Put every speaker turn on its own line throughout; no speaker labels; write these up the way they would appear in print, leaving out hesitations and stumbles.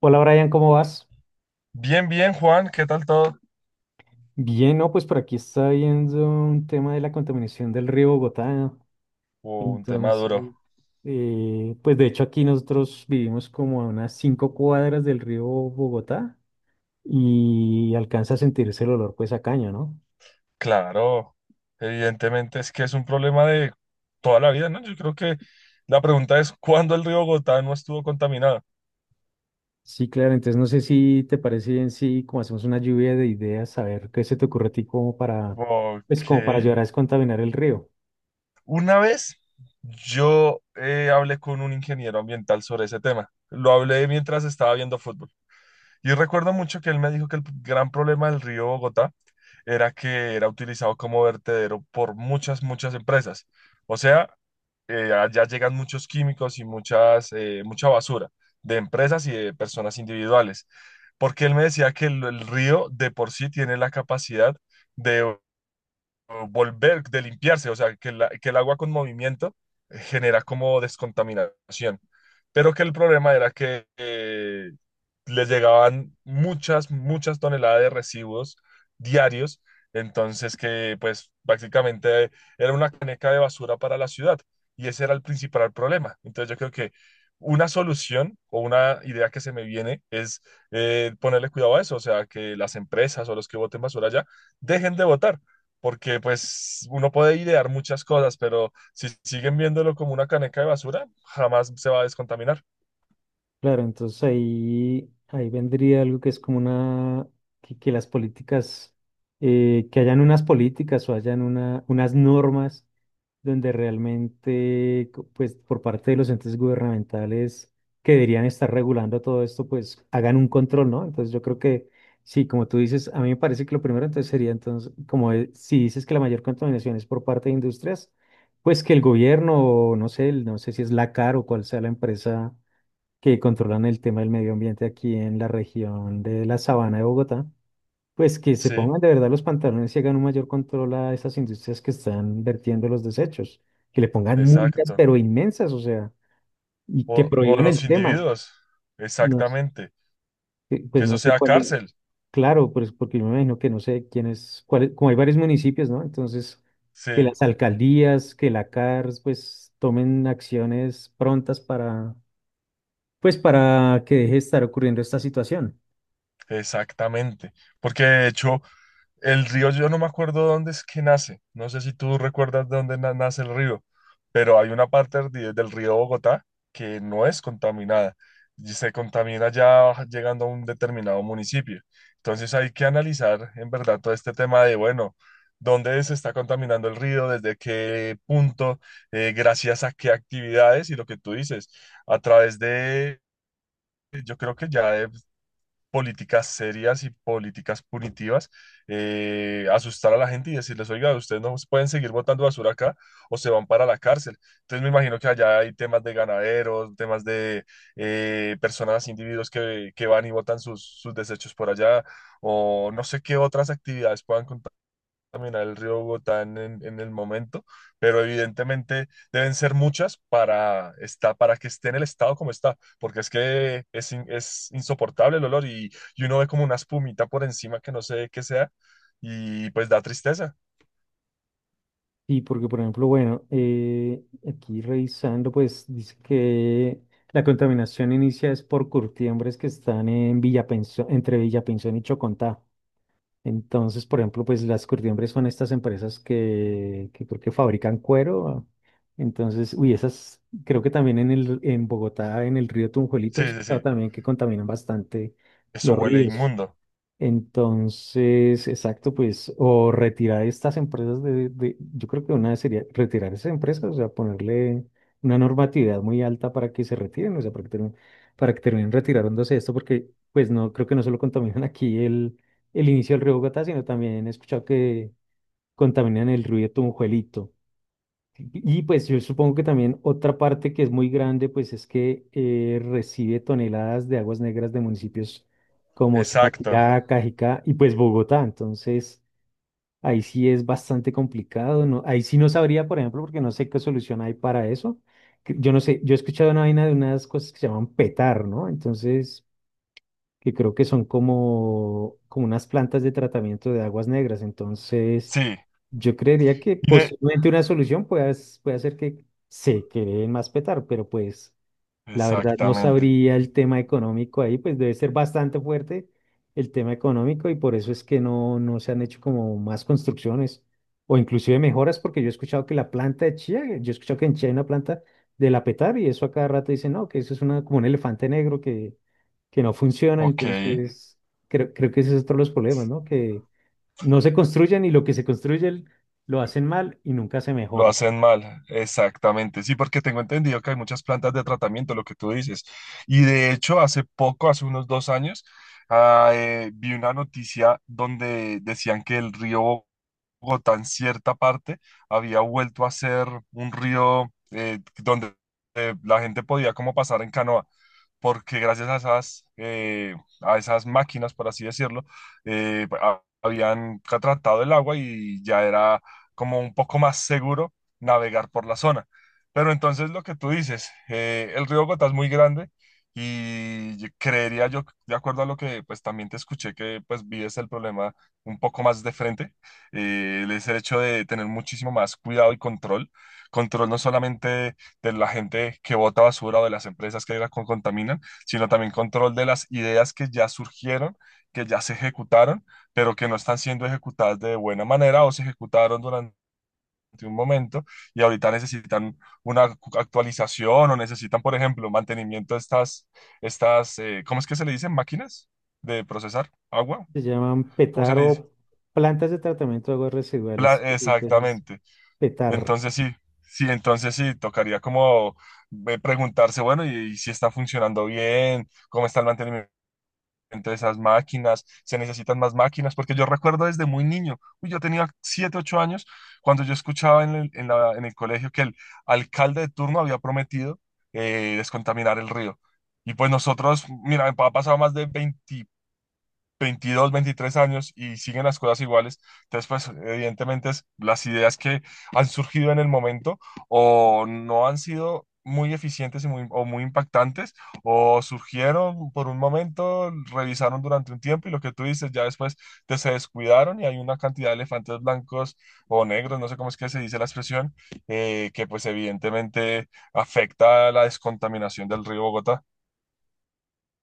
Hola Brian, ¿cómo vas?
Bien, bien, Juan, ¿qué tal todo?
Bien, no, pues por aquí está viendo un tema de la contaminación del río Bogotá.
Un tema
Entonces,
duro.
pues de hecho aquí nosotros vivimos como a unas 5 cuadras del río Bogotá y alcanza a sentirse el olor pues a caño, ¿no?
Claro, evidentemente es que es un problema de toda la vida, ¿no? Yo creo que la pregunta es, ¿cuándo el río Bogotá no estuvo contaminado?
Sí, claro, entonces no sé si te parece bien si como hacemos una lluvia de ideas, a ver qué se te ocurre a ti como para, pues
Ok.
como para ayudar a descontaminar el río.
Una vez yo hablé con un ingeniero ambiental sobre ese tema. Lo hablé mientras estaba viendo fútbol. Y recuerdo mucho que él me dijo que el gran problema del río Bogotá era que era utilizado como vertedero por muchas, muchas empresas. O sea, allá llegan muchos químicos y muchas, mucha basura de empresas y de personas individuales. Porque él me decía que el río de por sí tiene la capacidad de volver, de limpiarse, o sea, que, que el agua con movimiento genera como descontaminación, pero que el problema era que les llegaban muchas, muchas toneladas de residuos diarios, entonces que pues prácticamente era una caneca de basura para la ciudad y ese era el principal problema. Entonces yo creo que una solución o una idea que se me viene es ponerle cuidado a eso, o sea, que las empresas o los que boten basura allá dejen de botar porque pues uno puede idear muchas cosas, pero si siguen viéndolo como una caneca de basura, jamás se va a descontaminar.
Claro, entonces ahí vendría algo que es como una, que las políticas, que hayan unas políticas o hayan unas normas donde realmente, pues por parte de los entes gubernamentales que deberían estar regulando todo esto, pues hagan un control, ¿no? Entonces yo creo que, sí, como tú dices, a mí me parece que lo primero entonces sería, entonces, como si dices que la mayor contaminación es por parte de industrias, pues que el gobierno, o no sé, no sé si es la CAR o cuál sea la empresa que controlan el tema del medio ambiente aquí en la región de la Sabana de Bogotá, pues que se
Sí,
pongan de verdad los pantalones y hagan un mayor control a esas industrias que están vertiendo los desechos, que le pongan multas
exacto.
pero inmensas, o sea, y que
O
prohíban
los
el tema.
individuos,
No,
exactamente. Que
pues no
eso
sé
sea
cuál es,
cárcel.
claro, pues porque yo me imagino que no sé quién es, como hay varios municipios, ¿no? Entonces,
Sí,
que las alcaldías, que la CARS, pues tomen acciones prontas para, pues para que deje de estar ocurriendo esta situación.
exactamente. Porque de hecho, el río, yo no me acuerdo dónde es que nace. No sé si tú recuerdas dónde nace el río, pero hay una parte del río Bogotá que no es contaminada y se contamina ya llegando a un determinado municipio. Entonces hay que analizar en verdad todo este tema de, bueno, dónde se está contaminando el río, desde qué punto. Gracias a qué actividades y lo que tú dices, a través de, yo creo que ya de políticas serias y políticas punitivas, asustar a la gente y decirles, oiga, ustedes no pueden seguir botando basura acá o se van para la cárcel. Entonces me imagino que allá hay temas de ganaderos, temas de personas, individuos que, van y botan sus, sus desechos por allá o no sé qué otras actividades puedan contar caminar el río Bogotá en el momento, pero evidentemente deben ser muchas para, para que esté en el estado como está, porque es que es, es insoportable el olor y uno ve como una espumita por encima que no sé qué sea y pues da tristeza.
Sí, porque por ejemplo, bueno, aquí revisando, pues dice que la contaminación inicia es por curtiembres que están en entre Villapensión y Chocontá. Entonces, por ejemplo, pues las curtiembres son estas empresas que creo que fabrican cuero. Entonces, uy, esas creo que también en Bogotá, en el río Tunjuelito, he
Sí, sí,
escuchado
sí,
también que contaminan bastante
eso
los
huele
ríos.
inmundo.
Entonces, exacto, pues, o retirar estas empresas yo creo que una sería retirar esas empresas, o sea, ponerle una normatividad muy alta para que se retiren, o sea, para que terminen retirándose esto, porque pues no, creo que no solo contaminan aquí el inicio del río Bogotá, sino también he escuchado que contaminan el río Tunjuelito. Y pues yo supongo que también otra parte que es muy grande, pues es que recibe toneladas de aguas negras de municipios como
Exacto,
Zipaquirá, Cajicá y pues Bogotá. Entonces, ahí sí es bastante complicado, ¿no? Ahí sí no sabría, por ejemplo, porque no sé qué solución hay para eso. Yo no sé, yo he escuchado una vaina de unas cosas que se llaman petar, ¿no? Entonces, que creo que son como unas plantas de tratamiento de aguas negras. Entonces,
sí.
yo creería que
Y de...
posiblemente una solución pueda, pueda ser que se creen más petar, pero pues la verdad no
Exactamente.
sabría el tema económico ahí, pues debe ser bastante fuerte el tema económico y por eso es que no, no se han hecho como más construcciones o inclusive mejoras, porque yo he escuchado que la planta de chía, yo he escuchado que en Chía hay una planta de la petar y eso a cada rato dicen, no, que eso es una, como un elefante negro que no funciona,
Ok.
entonces creo que ese es otro de los problemas, ¿no? Que no se construyen y lo que se construye lo hacen mal y nunca se
Lo
mejora.
hacen mal, exactamente. Sí, porque tengo entendido que hay muchas plantas de tratamiento, lo que tú dices. Y de hecho, hace poco, hace unos 2 años, vi una noticia donde decían que el río Bogotá en cierta parte había vuelto a ser un río donde la gente podía como pasar en canoa porque gracias a esas máquinas, por así decirlo, habían tratado el agua y ya era como un poco más seguro navegar por la zona. Pero entonces lo que tú dices, el río Gotá es muy grande y creería yo, de acuerdo a lo que pues también te escuché, que pues vives el problema un poco más de frente, es el hecho de tener muchísimo más cuidado y control. Control no solamente de la gente que bota basura o de las empresas que la contaminan, sino también control de las ideas que ya surgieron, que ya se ejecutaron, pero que no están siendo ejecutadas de buena manera o se ejecutaron durante un momento y ahorita necesitan una actualización o necesitan, por ejemplo, mantenimiento de estas, ¿cómo es que se le dicen? Máquinas de procesar agua,
Se llaman
¿cómo se
petar
le dice?
o plantas de tratamiento de aguas residuales. Entonces,
Exactamente.
petar.
Entonces sí, sí, entonces sí, tocaría como preguntarse, bueno, y si está funcionando bien, cómo está el mantenimiento de esas máquinas, se necesitan más máquinas, porque yo recuerdo desde muy niño, uy, yo tenía 7 u 8 años, cuando yo escuchaba en en el colegio que el alcalde de turno había prometido descontaminar el río. Y pues nosotros, mira, ha pasado más de 20 22, 23 años y siguen las cosas iguales. Entonces, pues, evidentemente, las ideas que han surgido en el momento o no han sido muy eficientes y muy, o muy impactantes, o surgieron por un momento, revisaron durante un tiempo y lo que tú dices, ya después te se descuidaron y hay una cantidad de elefantes blancos o negros, no sé cómo es que se dice la expresión, que pues evidentemente afecta la descontaminación del río Bogotá.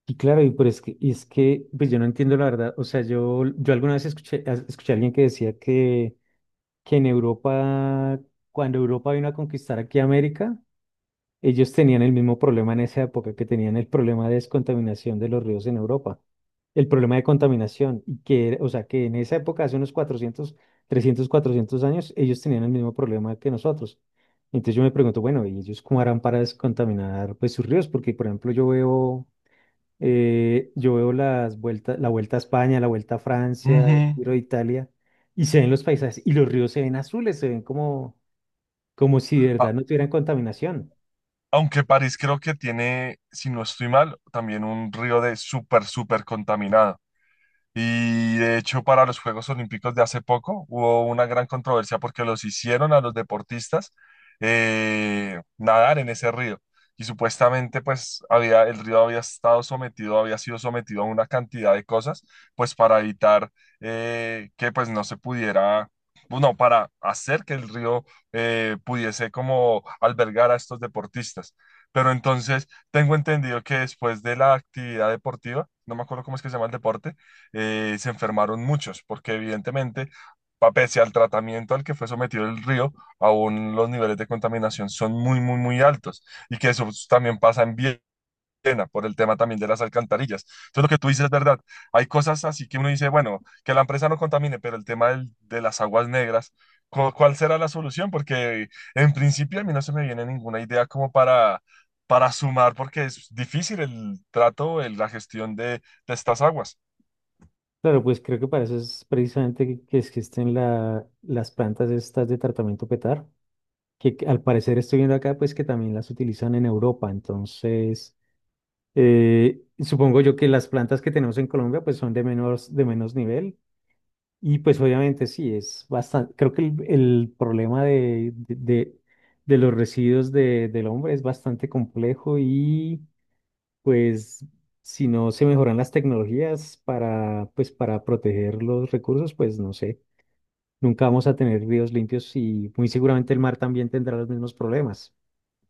Y claro, y, pero es que, y es que pues yo no entiendo la verdad. O sea, yo alguna vez escuché, escuché a alguien que decía que en Europa, cuando Europa vino a conquistar aquí América, ellos tenían el mismo problema en esa época que tenían el problema de descontaminación de los ríos en Europa, el problema de contaminación, y que, o sea, que en esa época, hace unos 400, 300, 400 años, ellos tenían el mismo problema que nosotros. Entonces yo me pregunto, bueno, ¿y ellos cómo harán para descontaminar pues, sus ríos? Porque, por ejemplo, yo veo las vueltas, la Vuelta a España, la Vuelta a Francia, el
Ujú.
Giro de Italia, y se ven los paisajes, y los ríos se ven azules, se ven como si de verdad no tuvieran contaminación.
Aunque París creo que tiene, si no estoy mal, también un río de súper, súper contaminado. Y de hecho, para los Juegos Olímpicos de hace poco hubo una gran controversia porque los hicieron a los deportistas nadar en ese río. Y supuestamente, pues, había, el río había estado sometido, había sido sometido a una cantidad de cosas, pues, para evitar que, pues, no se pudiera, bueno, para hacer que el río pudiese como albergar a estos deportistas. Pero entonces, tengo entendido que después de la actividad deportiva, no me acuerdo cómo es que se llama el deporte, se enfermaron muchos, porque evidentemente, pese al tratamiento al que fue sometido el río, aún los niveles de contaminación son muy, muy, muy altos y que eso también pasa en Viena por el tema también de las alcantarillas. Entonces, lo que tú dices es verdad. Hay cosas así que uno dice, bueno, que la empresa no contamine, pero el tema de las aguas negras, ¿cuál será la solución? Porque en principio a mí no se me viene ninguna idea como para sumar, porque es difícil el trato, la gestión de estas aguas.
Claro, pues creo que para eso es precisamente que existen las plantas estas de tratamiento PETAR, que al parecer estoy viendo acá, pues que también las utilizan en Europa. Entonces, supongo yo que las plantas que tenemos en Colombia, pues son de menos nivel. Y pues obviamente sí, es bastante, creo que el problema de los residuos del hombre es bastante complejo y pues si no se mejoran las tecnologías para, pues, para proteger los recursos, pues no sé, nunca vamos a tener ríos limpios y muy seguramente el mar también tendrá los mismos problemas.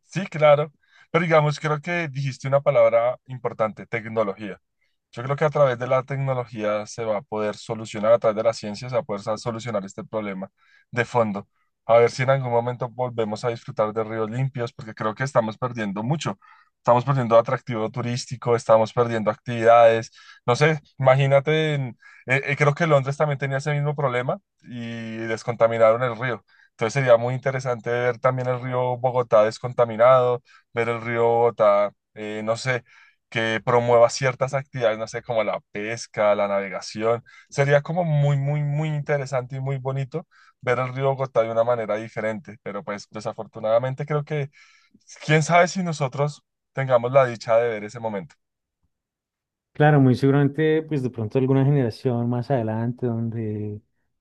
Sí, claro. Pero digamos, creo que dijiste una palabra importante, tecnología. Yo creo que a través de la tecnología se va a poder solucionar, a través de la ciencia se va a poder solucionar este problema de fondo. A ver si en algún momento volvemos a disfrutar de ríos limpios, porque creo que estamos perdiendo mucho. Estamos perdiendo atractivo turístico, estamos perdiendo actividades. No sé, imagínate, creo que Londres también tenía ese mismo problema y descontaminaron el río. Entonces sería muy interesante ver también el río Bogotá descontaminado, ver el río Bogotá, no sé que promueva ciertas actividades, no sé, como la pesca, la navegación. Sería como muy, muy, muy interesante y muy bonito ver el río Bogotá de una manera diferente, pero pues desafortunadamente creo que, quién sabe si nosotros tengamos la dicha de ver ese momento.
Claro, muy seguramente, pues de pronto alguna generación más adelante, donde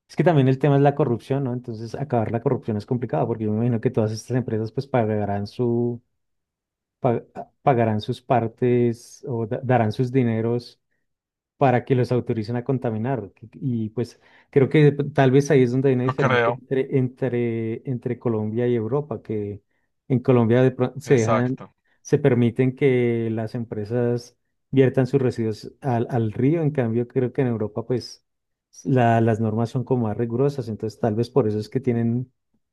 es que también el tema es la corrupción, ¿no? Entonces, acabar la corrupción es complicado, porque yo me imagino que todas estas empresas, pues, pagarán su, pa- pagarán sus partes o darán sus dineros para que los autoricen a contaminar. Y pues creo que tal vez ahí es donde hay una
Yo
diferencia
creo,
entre Colombia y Europa, que en Colombia se dejan,
exacto,
se permiten que las empresas viertan sus residuos al río, en cambio creo que en Europa pues las normas son como más rigurosas, entonces tal vez por eso es que tienen,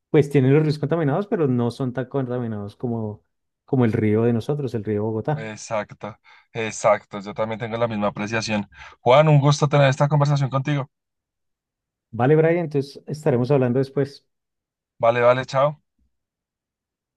pues tienen los ríos contaminados, pero no son tan contaminados como, como el río de nosotros, el río Bogotá.
exacto, exacto. Yo también tengo la misma apreciación. Juan, un gusto tener esta conversación contigo.
Vale, Brian, entonces estaremos hablando después.
Vale, vale, chao.